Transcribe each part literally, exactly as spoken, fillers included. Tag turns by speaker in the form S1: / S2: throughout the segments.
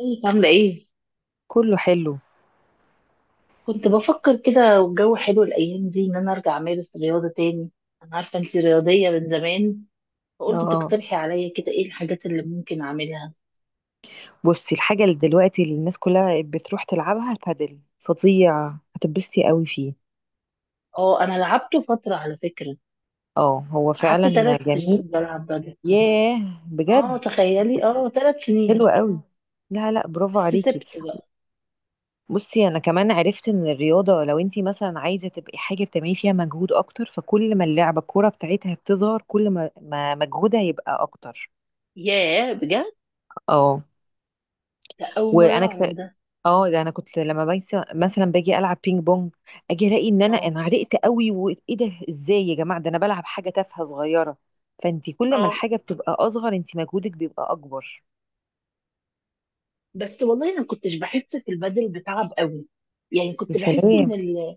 S1: ازيك عاملة ايه؟
S2: كله حلو.
S1: كنت بفكر كده والجو حلو الأيام دي إن أنا أرجع أمارس رياضة تاني، أنا عارفة أنتي رياضية من زمان، فقلت
S2: اه
S1: تقترحي عليا كده ايه الحاجات اللي ممكن أعملها؟
S2: بصي، الحاجة اللي دلوقتي اللي الناس كلها بتروح تلعبها البادل فظيع. هتتبسطي قوي فيه.
S1: اه، أنا لعبته فترة على فكرة،
S2: اه هو
S1: قعدت
S2: فعلا
S1: ثلاث
S2: جميل.
S1: سنين بلعب بدل.
S2: ياه،
S1: اه
S2: بجد؟
S1: تخيلي، اه ثلاث سنين.
S2: حلو قوي. لا لا، برافو
S1: بس
S2: عليكي.
S1: سبت بقى.
S2: بصي، انا كمان عرفت ان الرياضة لو انتي مثلا عايزة تبقي حاجة بتعملي فيها مجهود اكتر، فكل ما اللعبة الكورة بتاعتها بتظهر، كل ما ما مجهودها يبقى اكتر.
S1: ياه بجد؟
S2: اه
S1: لا، أول مرة
S2: وانا
S1: أعرف
S2: كت...
S1: ده.
S2: اه ده انا كنت لما بيس... مثلا باجي العب بينج بونج، اجي الاقي ان انا
S1: اه،
S2: انا عرقت قوي. وايه ده، ازاي يا جماعه، ده انا بلعب حاجه تافهه صغيره. فانت كل ما
S1: اه،
S2: الحاجه بتبقى اصغر انت مجهودك بيبقى اكبر.
S1: بس والله أنا كنتش بحس في البدل بتعب قوي. يعني
S2: يا
S1: كنت بحس
S2: سلام.
S1: إن ال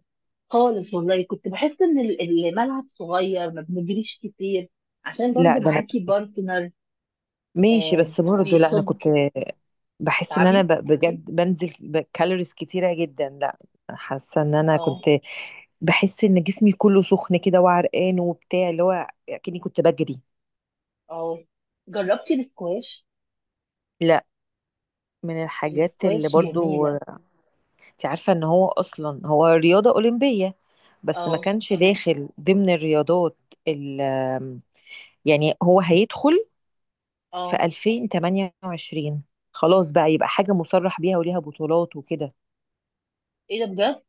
S1: خالص والله كنت بحس ان ال- الملعب صغير ما بنجريش كتير، عشان
S2: لا
S1: برضو
S2: ده انا
S1: معاكي بارتنر.
S2: ماشي.
S1: آه
S2: بس برضه لا، انا
S1: بيصب،
S2: كنت بحس ان انا ب...
S1: بتعبي.
S2: بجد بنزل ب- كالوريز كتيره جدا. لا، حاسه ان انا
S1: اه،
S2: كنت بحس ان جسمي كله سخن كده وعرقان وبتاع، اللي هو كأني كنت بجري.
S1: اه، جربتي السكواش؟
S2: لا. من الحاجات اللي
S1: السكواش
S2: برضو،
S1: جميلة.
S2: انت عارفة ان هو اصلا هو رياضة اولمبية، بس ما
S1: اه،
S2: كانش داخل ضمن الرياضات. ال يعني هو هيدخل في
S1: اه،
S2: الفين وتمانيه وعشرين، خلاص بقى، يبقى حاجة مصرح بيها وليها بطولات وكده.
S1: ايه ده بجد؟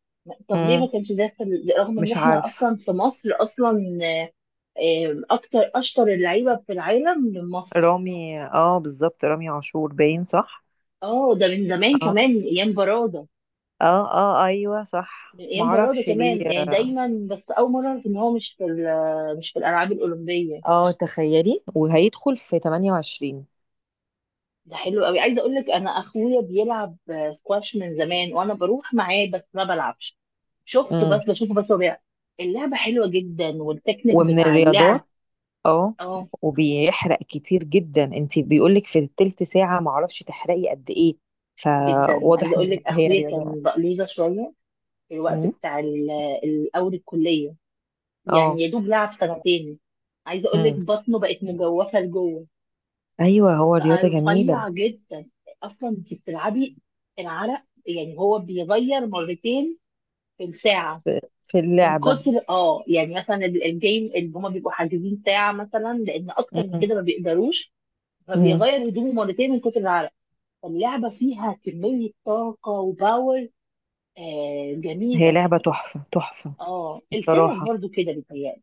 S1: طب ليه ما
S2: امم
S1: كانش ده في ال- رغم ان
S2: مش
S1: احنا
S2: عارف.
S1: اصلا في مصر اصلا؟ آه. آه، اكتر اشطر اللعيبة في العالم من مصر.
S2: رامي، اه بالظبط رامي عاشور، باين صح.
S1: اه، ده من زمان
S2: اه
S1: كمان من ايام برادة.
S2: اه اه، ايوه صح،
S1: من ايام برادة
S2: معرفش ليه.
S1: كمان، يعني
S2: اه
S1: دايما، بس اول مره اعرف ان هو مش في ال- مش في الالعاب الاولمبيه.
S2: آه، تخيلي، وهيدخل في تمانيه وعشرين.
S1: ده حلو قوي، عايزه اقول لك انا اخويا بيلعب سكواش من زمان، وانا بروح معاه بس ما بلعبش. شفته
S2: امم
S1: بس، بشوفه بس هو بيلعب. اللعبه حلوه جدا، والتكنيك
S2: ومن
S1: بتاع اللعب.
S2: الرياضات. اه
S1: اه،
S2: وبيحرق كتير جدا. انت بيقولك في التلت ساعة معرفش تحرقي قد ايه.
S1: جدا، عايزه
S2: فواضح
S1: اقول
S2: ان
S1: لك
S2: هي
S1: اخويا
S2: رياضة.
S1: كان بقلوزه شويه في الوقت
S2: امم
S1: بتاع ال- الاول الكليه، يعني
S2: اه
S1: يا دوب لعب سنتين. عايزه اقول لك
S2: امم
S1: بطنه بقت مجوفه لجوه،
S2: ايوه، هو
S1: بقى
S2: رياضة جميلة.
S1: رفيع جدا. اصلا انت بتلعبي، العرق يعني هو بيغير مرتين في الساعه،
S2: في في
S1: من
S2: اللعبة.
S1: كتر اه يعني مثلا ال- الجيم اللي هما بيبقوا حاجزين ساعه مثلا، لان اكتر من
S2: امم
S1: كده ما بيقدروش،
S2: امم
S1: فبيغير هدومه مرتين من كتر العرق. فاللعبه فيها كميه طاقه وباور. آه
S2: هي
S1: جميله.
S2: لعبة تحفة تحفة.
S1: اه، التنس
S2: بصراحة،
S1: برضو كده بيتهيألي.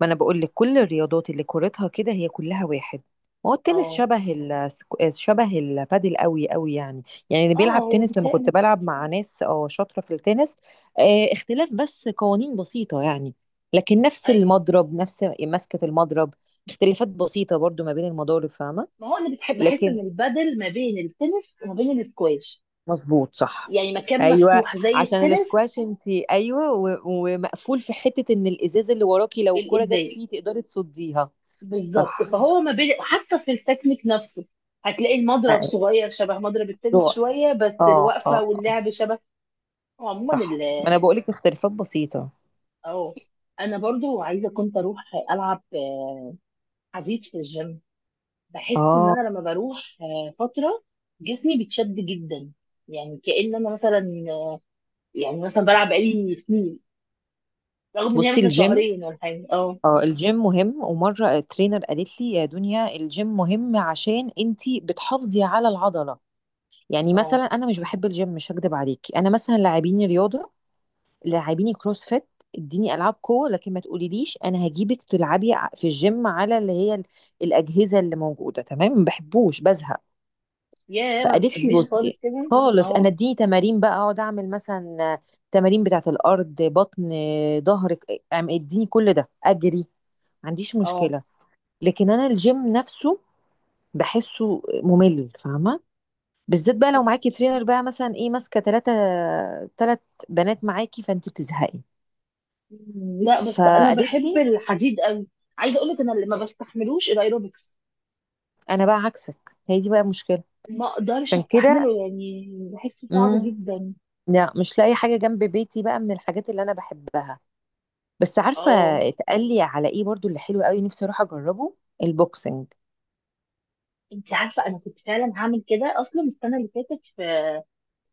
S2: ما انا بقول لك، كل الرياضات اللي كورتها كده هي كلها واحد. ما هو التنس
S1: اه،
S2: شبه ال شبه البادل قوي قوي يعني. يعني اللي
S1: اه،
S2: بيلعب
S1: هو
S2: تنس، لما كنت
S1: بيتهيألي.
S2: بلعب مع ناس اه شاطره في التنس، آه، اختلاف بس قوانين بسيطه يعني. لكن نفس
S1: ايوه،
S2: المضرب، نفس مسكه المضرب. اختلافات بسيطه برضو ما بين المضارب، فاهمه؟
S1: ما هو انا بتحب بحس ان
S2: لكن
S1: البدل ما بين التنس وما بين السكواش،
S2: مظبوط، صح،
S1: يعني مكان
S2: ايوه.
S1: مفتوح زي
S2: عشان
S1: التنس.
S2: الاسكواش انت ايوه و- ومقفول في حته. ان الازاز اللي وراكي، لو الكره جت
S1: الازاز
S2: فيه تقدري تصديها.
S1: بالظبط،
S2: صح،
S1: فهو ما بين حتى في التكنيك نفسه. هتلاقي المضرب
S2: أيوة.
S1: صغير شبه مضرب التنس شويه، بس
S2: اه اه
S1: الوقفه
S2: اه،
S1: واللعب شبه. هو عموما
S2: صح،
S1: ال
S2: ما انا بقولك اختلافات بسيطة.
S1: اه انا برضو عايزه كنت اروح العب حديد في الجيم. بحس ان
S2: اه
S1: انا لما بروح فتره جسمي بيتشد جدا، يعني كأن انا مثلا، يعني مثلا بلعب بقالي سنين، رغم ان هي
S2: بصي،
S1: مثلا
S2: الجيم،
S1: شهرين ولا حاجه. اه،
S2: اه الجيم مهم. ومرة الترينر قالت لي يا دنيا الجيم مهم عشان انتي بتحافظي على العضلة. يعني
S1: اه
S2: مثلا انا مش بحب الجيم، مش هكدب عليكي. انا مثلا لاعبيني رياضة، لاعبيني كروس فيت، اديني العاب قوه، لكن ما تقوليليش انا هجيبك تلعبي ع- في الجيم، على اللي هي ال- الاجهزه اللي موجوده. تمام، ما بحبوش، بزهق.
S1: يا ما
S2: فقالت لي
S1: بتحبيش خالص
S2: بصي
S1: كده.
S2: خالص،
S1: اه،
S2: انا اديني تمارين بقى اقعد اعمل مثلا، تمارين بتاعه الارض، بطن، ظهرك، اديني كل ده، اجري، ما عنديش
S1: اه،
S2: مشكله. لكن انا الجيم نفسه بحسه ممل، فاهمه؟ بالذات بقى لو معاكي ترينر بقى مثلا ايه، ماسكه ثلاثه ثلاث بنات معاكي، فانت بتزهقي.
S1: لا بس انا
S2: فقالت
S1: بحب
S2: لي،
S1: الحديد قوي. عايزه اقول لك انا اللي ما بستحملوش الايروبكس،
S2: انا بقى عكسك، هي دي بقى مشكله.
S1: ما اقدرش
S2: عشان كده.
S1: استحمله، يعني بحسه صعب
S2: امم
S1: جدا.
S2: لا، مش لاقي حاجه جنب بيتي بقى، من الحاجات اللي انا بحبها بس، عارفه،
S1: اه،
S2: اتقال لي على ايه برضو اللي حلو قوي نفسي اروح اجربه، البوكسنج.
S1: انت عارفه انا كنت فعلا هعمل كده اصلا السنه اللي فاتت في،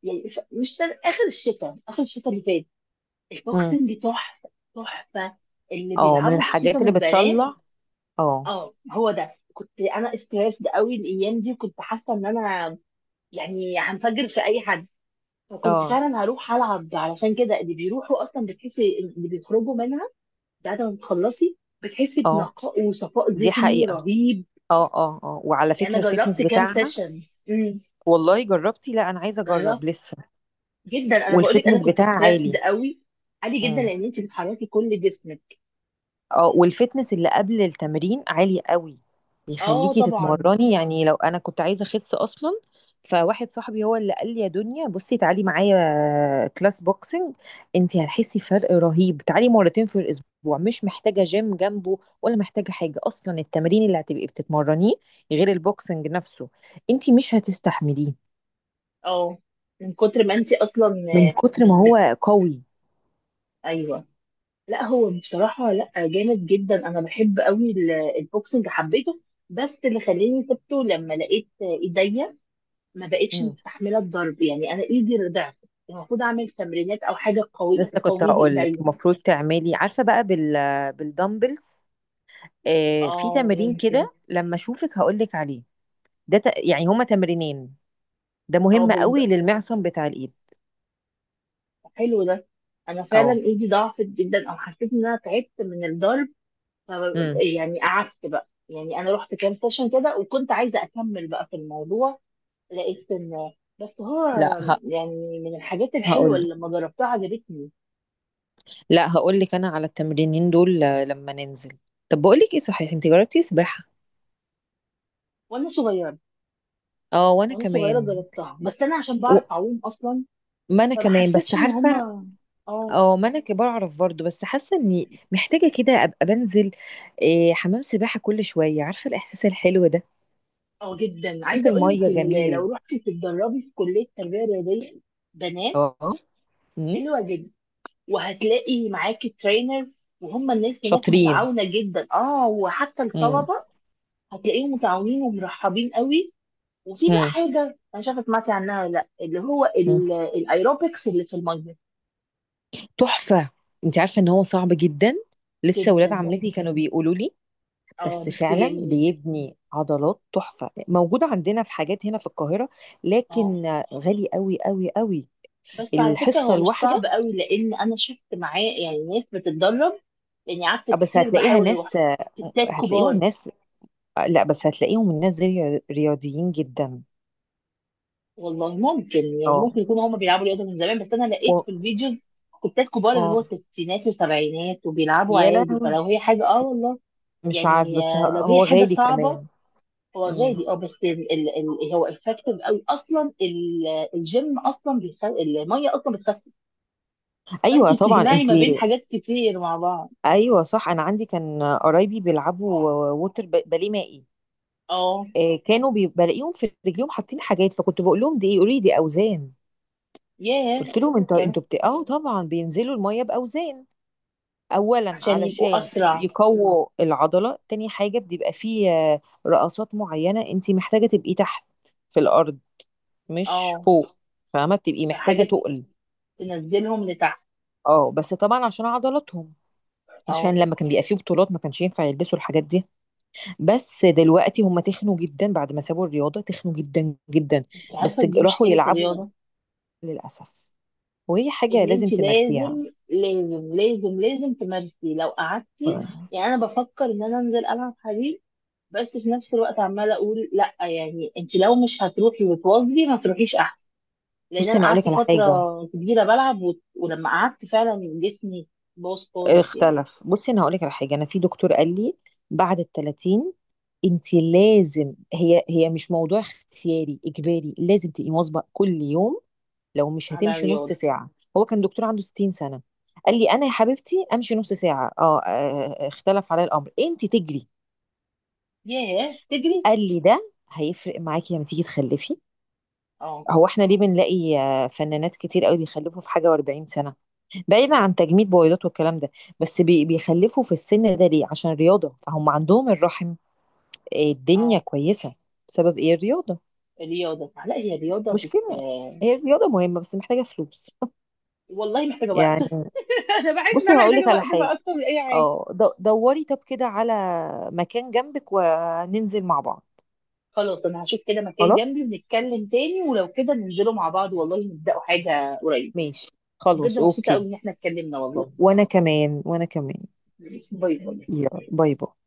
S1: يعني في... مش سنة... اخر الشتاء اخر الشتاء اللي فات.
S2: امم
S1: البوكسنج تحفه تحفه. اللي
S2: اه، من
S1: بيلعبوا خصوصا
S2: الحاجات اللي
S1: البنات.
S2: بتطلع. اه
S1: اه هو ده، كنت انا استريسد قوي الايام دي، وكنت حاسه ان انا يعني هنفجر في اي حد. فكنت
S2: اه
S1: فعلا هروح العب، علشان كده اللي بيروحوا اصلا بتحسي اللي بيخرجوا منها بعد ما بتخلصي، بتحسي
S2: اه،
S1: بنقاء وصفاء
S2: دي
S1: ذهني
S2: حقيقه.
S1: رهيب.
S2: اه اه اه، وعلى
S1: يعني
S2: فكره
S1: انا جربت
S2: الفتنس
S1: كام
S2: بتاعها،
S1: سيشن. امم
S2: والله جربتي؟ لا، انا عايزه
S1: جربت،
S2: اجرب لسه.
S1: جدا، انا بقول لك انا
S2: والفتنس
S1: كنت
S2: بتاعها
S1: ستريسد
S2: عالي.
S1: قوي. عادي جدا لان انت بتحركي كل جسمك.
S2: اه، والفتنس اللي قبل التمرين عالي قوي.
S1: اه
S2: بيخليكي
S1: طبعا.
S2: تتمرني، يعني لو انا كنت عايزه اخس اصلا. فواحد صاحبي هو اللي قال لي، يا دنيا بصي، تعالي معايا كلاس بوكسنج، انت هتحسي فرق رهيب. تعالي مرتين في الاسبوع، مش محتاجه جيم جنبه ولا محتاجه حاجه اصلا. التمرين اللي هتبقي بتتمرنيه غير البوكسنج نفسه انت مش هتستحمليه،
S1: اه، من كتر ما انت اصلا.
S2: من
S1: آه،
S2: كتر ما هو
S1: بت...
S2: قوي.
S1: ايوه. لا هو بصراحه، لا جامد جدا، انا بحب قوي ال- البوكسنج، حبيته. بس اللي خلاني سبته لما لقيت ايديا ما بقتش
S2: مم.
S1: مستحمله الضرب، يعني انا ايدي ضعفت. المفروض اعمل تمرينات او حاجه قوي
S2: لسه كنت
S1: تقوي لي
S2: هقول لك
S1: ايديا.
S2: المفروض تعملي، عارفه بقى بال بالدمبلز. آه، في
S1: اه
S2: تمرين
S1: ممكن.
S2: كده لما اشوفك هقول لك عليه. ده ت... يعني هما تمرينين، ده
S1: اه،
S2: مهم
S1: بال-
S2: قوي للمعصم بتاع الايد.
S1: حلو ده. انا فعلا
S2: اه
S1: ايدي ضعفت جدا، او حسيت ان انا تعبت من الضرب. ف
S2: امم
S1: يعني قعدت بقى، يعني انا رحت كام سيشن كده، وكنت عايزه اكمل بقى في الموضوع. لقيت ان بس هو
S2: لا ه...
S1: يعني من الحاجات الحلوه
S2: هقول لك،
S1: اللي لما جربتها عجبتني.
S2: لا هقول لك انا على التمرينين دول آه، لما ننزل. طب بقول لك ايه، صحيح انت جربتي سباحة؟
S1: وانا صغيره،
S2: اه، وانا
S1: وانا صغيره
S2: كمان.
S1: جربتها، بس انا عشان
S2: و...
S1: بعرف اعوم اصلا
S2: ما انا
S1: فما
S2: كمان
S1: حسيتش
S2: بس،
S1: ان
S2: عارفة،
S1: هما. اه،
S2: اه ما انا ك- بعرف برضه، بس حاسة اني محتاجة كده ابقى بنزل آه، حمام سباحة كل شوية، عارفة الاحساس الحلو ده،
S1: اه، جدا
S2: احساس
S1: عايزه اقول لك
S2: المية
S1: ال- لو
S2: جميل.
S1: رحتي تتدربي في كليه تربيه رياضيه بنات،
S2: اه امم
S1: حلوه جدا، وهتلاقي معاكي ترينر، وهم الناس هناك
S2: شاطرين.
S1: متعاونه جدا، اه وحتى الطلبه هتلاقيهم متعاونين ومرحبين قوي. وفي بقى
S2: مم.
S1: حاجه انا شايفه سمعتي عنها ولا لا، اللي هو
S2: مم.
S1: ال- الايروبكس اللي في الميه.
S2: تحفة. انت عارفة ان هو صعب جدا؟ لسه
S1: جدا،
S2: ولاد
S1: بس.
S2: عمتي كانوا بيقولوا لي،
S1: اه
S2: بس
S1: بس
S2: فعلا
S1: جميل.
S2: بيبني عضلات تحفة. موجودة عندنا في حاجات هنا في القاهرة
S1: اه،
S2: لكن غالي قوي قوي قوي
S1: بس على فكره
S2: الحصة
S1: هو مش صعب
S2: الواحدة.
S1: قوي، لان انا شفت معاه يعني ناس بتتدرب، لاني قعدت
S2: بس
S1: كتير
S2: هتلاقيها
S1: بحاول اروح.
S2: ناس،
S1: ستات
S2: هتلاقيهم
S1: كبار،
S2: ناس. لا بس هتلاقيهم الناس دي رياضيين جدا.
S1: والله ممكن، يعني ممكن
S2: اه
S1: يكونوا هم بيلعبوا رياضه من زمان، بس انا لقيت
S2: و...
S1: في الفيديوز ستات كبار اللي هو
S2: اه
S1: ستينات وسبعينات وبيلعبوا
S2: يا
S1: عادي.
S2: لهوي،
S1: فلو هي حاجه، اه والله
S2: مش عارف.
S1: يعني،
S2: بس
S1: آه،
S2: ه-
S1: لو هي
S2: هو
S1: حاجه
S2: غالي
S1: صعبه.
S2: كمان.
S1: هو
S2: مم.
S1: غالي، اه، بس ال ال ال هو افكتيف قوي اصلا ال- الجيم اصلا بيخ... الميه اصلا بتخسس. فانت
S2: ايوه طبعا
S1: بتجمعي
S2: انت.
S1: ما بين حاجات كتير مع بعض.
S2: ايوه صح، انا عندي كان قرايبي بيلعبوا ووتر ب- باليه مائي،
S1: اه.
S2: آه، كانوا بي- بلاقيهم في رجليهم حاطين حاجات، فكنت بقول لهم دي ايه، يقولوا لي دي اوزان.
S1: ياه.
S2: قلت لهم انتوا
S1: كم
S2: انتوا بت... اه طبعا بينزلوا الميه باوزان، اولا
S1: عشان يبقوا
S2: علشان
S1: اسرع.
S2: يقووا العضله. تاني حاجه بيبقى فيه آه، رقصات معينه انت محتاجه تبقي تحت في الارض، مش
S1: اه،
S2: فوق، فاهمه؟ بتبقي محتاجه
S1: فحاجه
S2: تقل.
S1: تنزلهم لتحت.
S2: اه، بس طبعا عشان عضلاتهم. عشان
S1: اه.
S2: لما كان بيبقى فيه بطولات ما كانش ينفع يلبسوا الحاجات دي. بس دلوقتي هم تخنوا جدا بعد ما سابوا الرياضة، تخنوا جدا جدا.
S1: انت عارفه
S2: بس ج-
S1: دي
S2: راحوا
S1: مشكله
S2: يلعبوا
S1: الرياضه،
S2: للأسف. وهي حاجة
S1: ان
S2: لازم
S1: انت
S2: تمارسيها.
S1: لازم، لازم لازم لازم تمارسي. لو قعدتي، يعني انا بفكر ان انا انزل العب حديد، بس في نفس الوقت عماله اقول لا، يعني انت لو مش هتروحي وتواظبي ما تروحيش احسن. لان
S2: بصي
S1: انا
S2: أنا أقولك
S1: قعدت
S2: على
S1: فتره
S2: حاجة،
S1: كبيره بلعب و... ولما قعدت فعلا جسمي باظ خالص، يعني
S2: اختلف. بصي أنا هقولك على حاجة، أنا في دكتور قال لي بعد التلاتين انت لازم، هي هي مش موضوع اختياري، اجباري، لازم تبقي مواظبه كل يوم، لو مش
S1: على
S2: هتمشي نص
S1: الرياضه.
S2: ساعه. هو كان دكتور عنده ستين سنه، قال لي، انا يا حبيبتي امشي نص ساعه اه آه، آه، اختلف عليا الامر. انت تجري،
S1: ياه تجري.
S2: قال لي ده هيفرق معاكي لما تيجي تخلفي.
S1: اه،
S2: هو احنا ليه بنلاقي آه، فنانات كتير قوي بيخلفوا في حاجه و40 سنه؟ بعيدا عن تجميد بويضات والكلام ده، بس بي- بيخلفوا في السن ده ليه؟ عشان رياضه. فهم عندهم الرحم آه، الدنيا
S1: اه،
S2: كويسه، بسبب ايه؟ الرياضه.
S1: رياضه صح، لا هي رياضه بت
S2: مشكله، هي الرياضه مهمه بس محتاجه فلوس
S1: والله محتاجه وقت.
S2: يعني.
S1: انا بحس ان
S2: بصي
S1: انا
S2: هقول لك
S1: محتاجه
S2: على
S1: وقت بقى
S2: حاجه،
S1: اكتر من اي حاجه.
S2: اه دو- دوري طب كده على مكان جنبك وننزل مع بعض.
S1: خلاص انا هشوف كده مكان
S2: خلاص،
S1: جنبي ونتكلم تاني، ولو كده ننزلوا مع بعض والله، نبدأوا حاجة قريب.
S2: ماشي،
S1: وبجد
S2: خلاص،
S1: مبسوطة قوي
S2: اوكي.
S1: ان احنا اتكلمنا والله.
S2: وانا كمان، وانا كمان.
S1: باي باي.
S2: يلا، باي باي.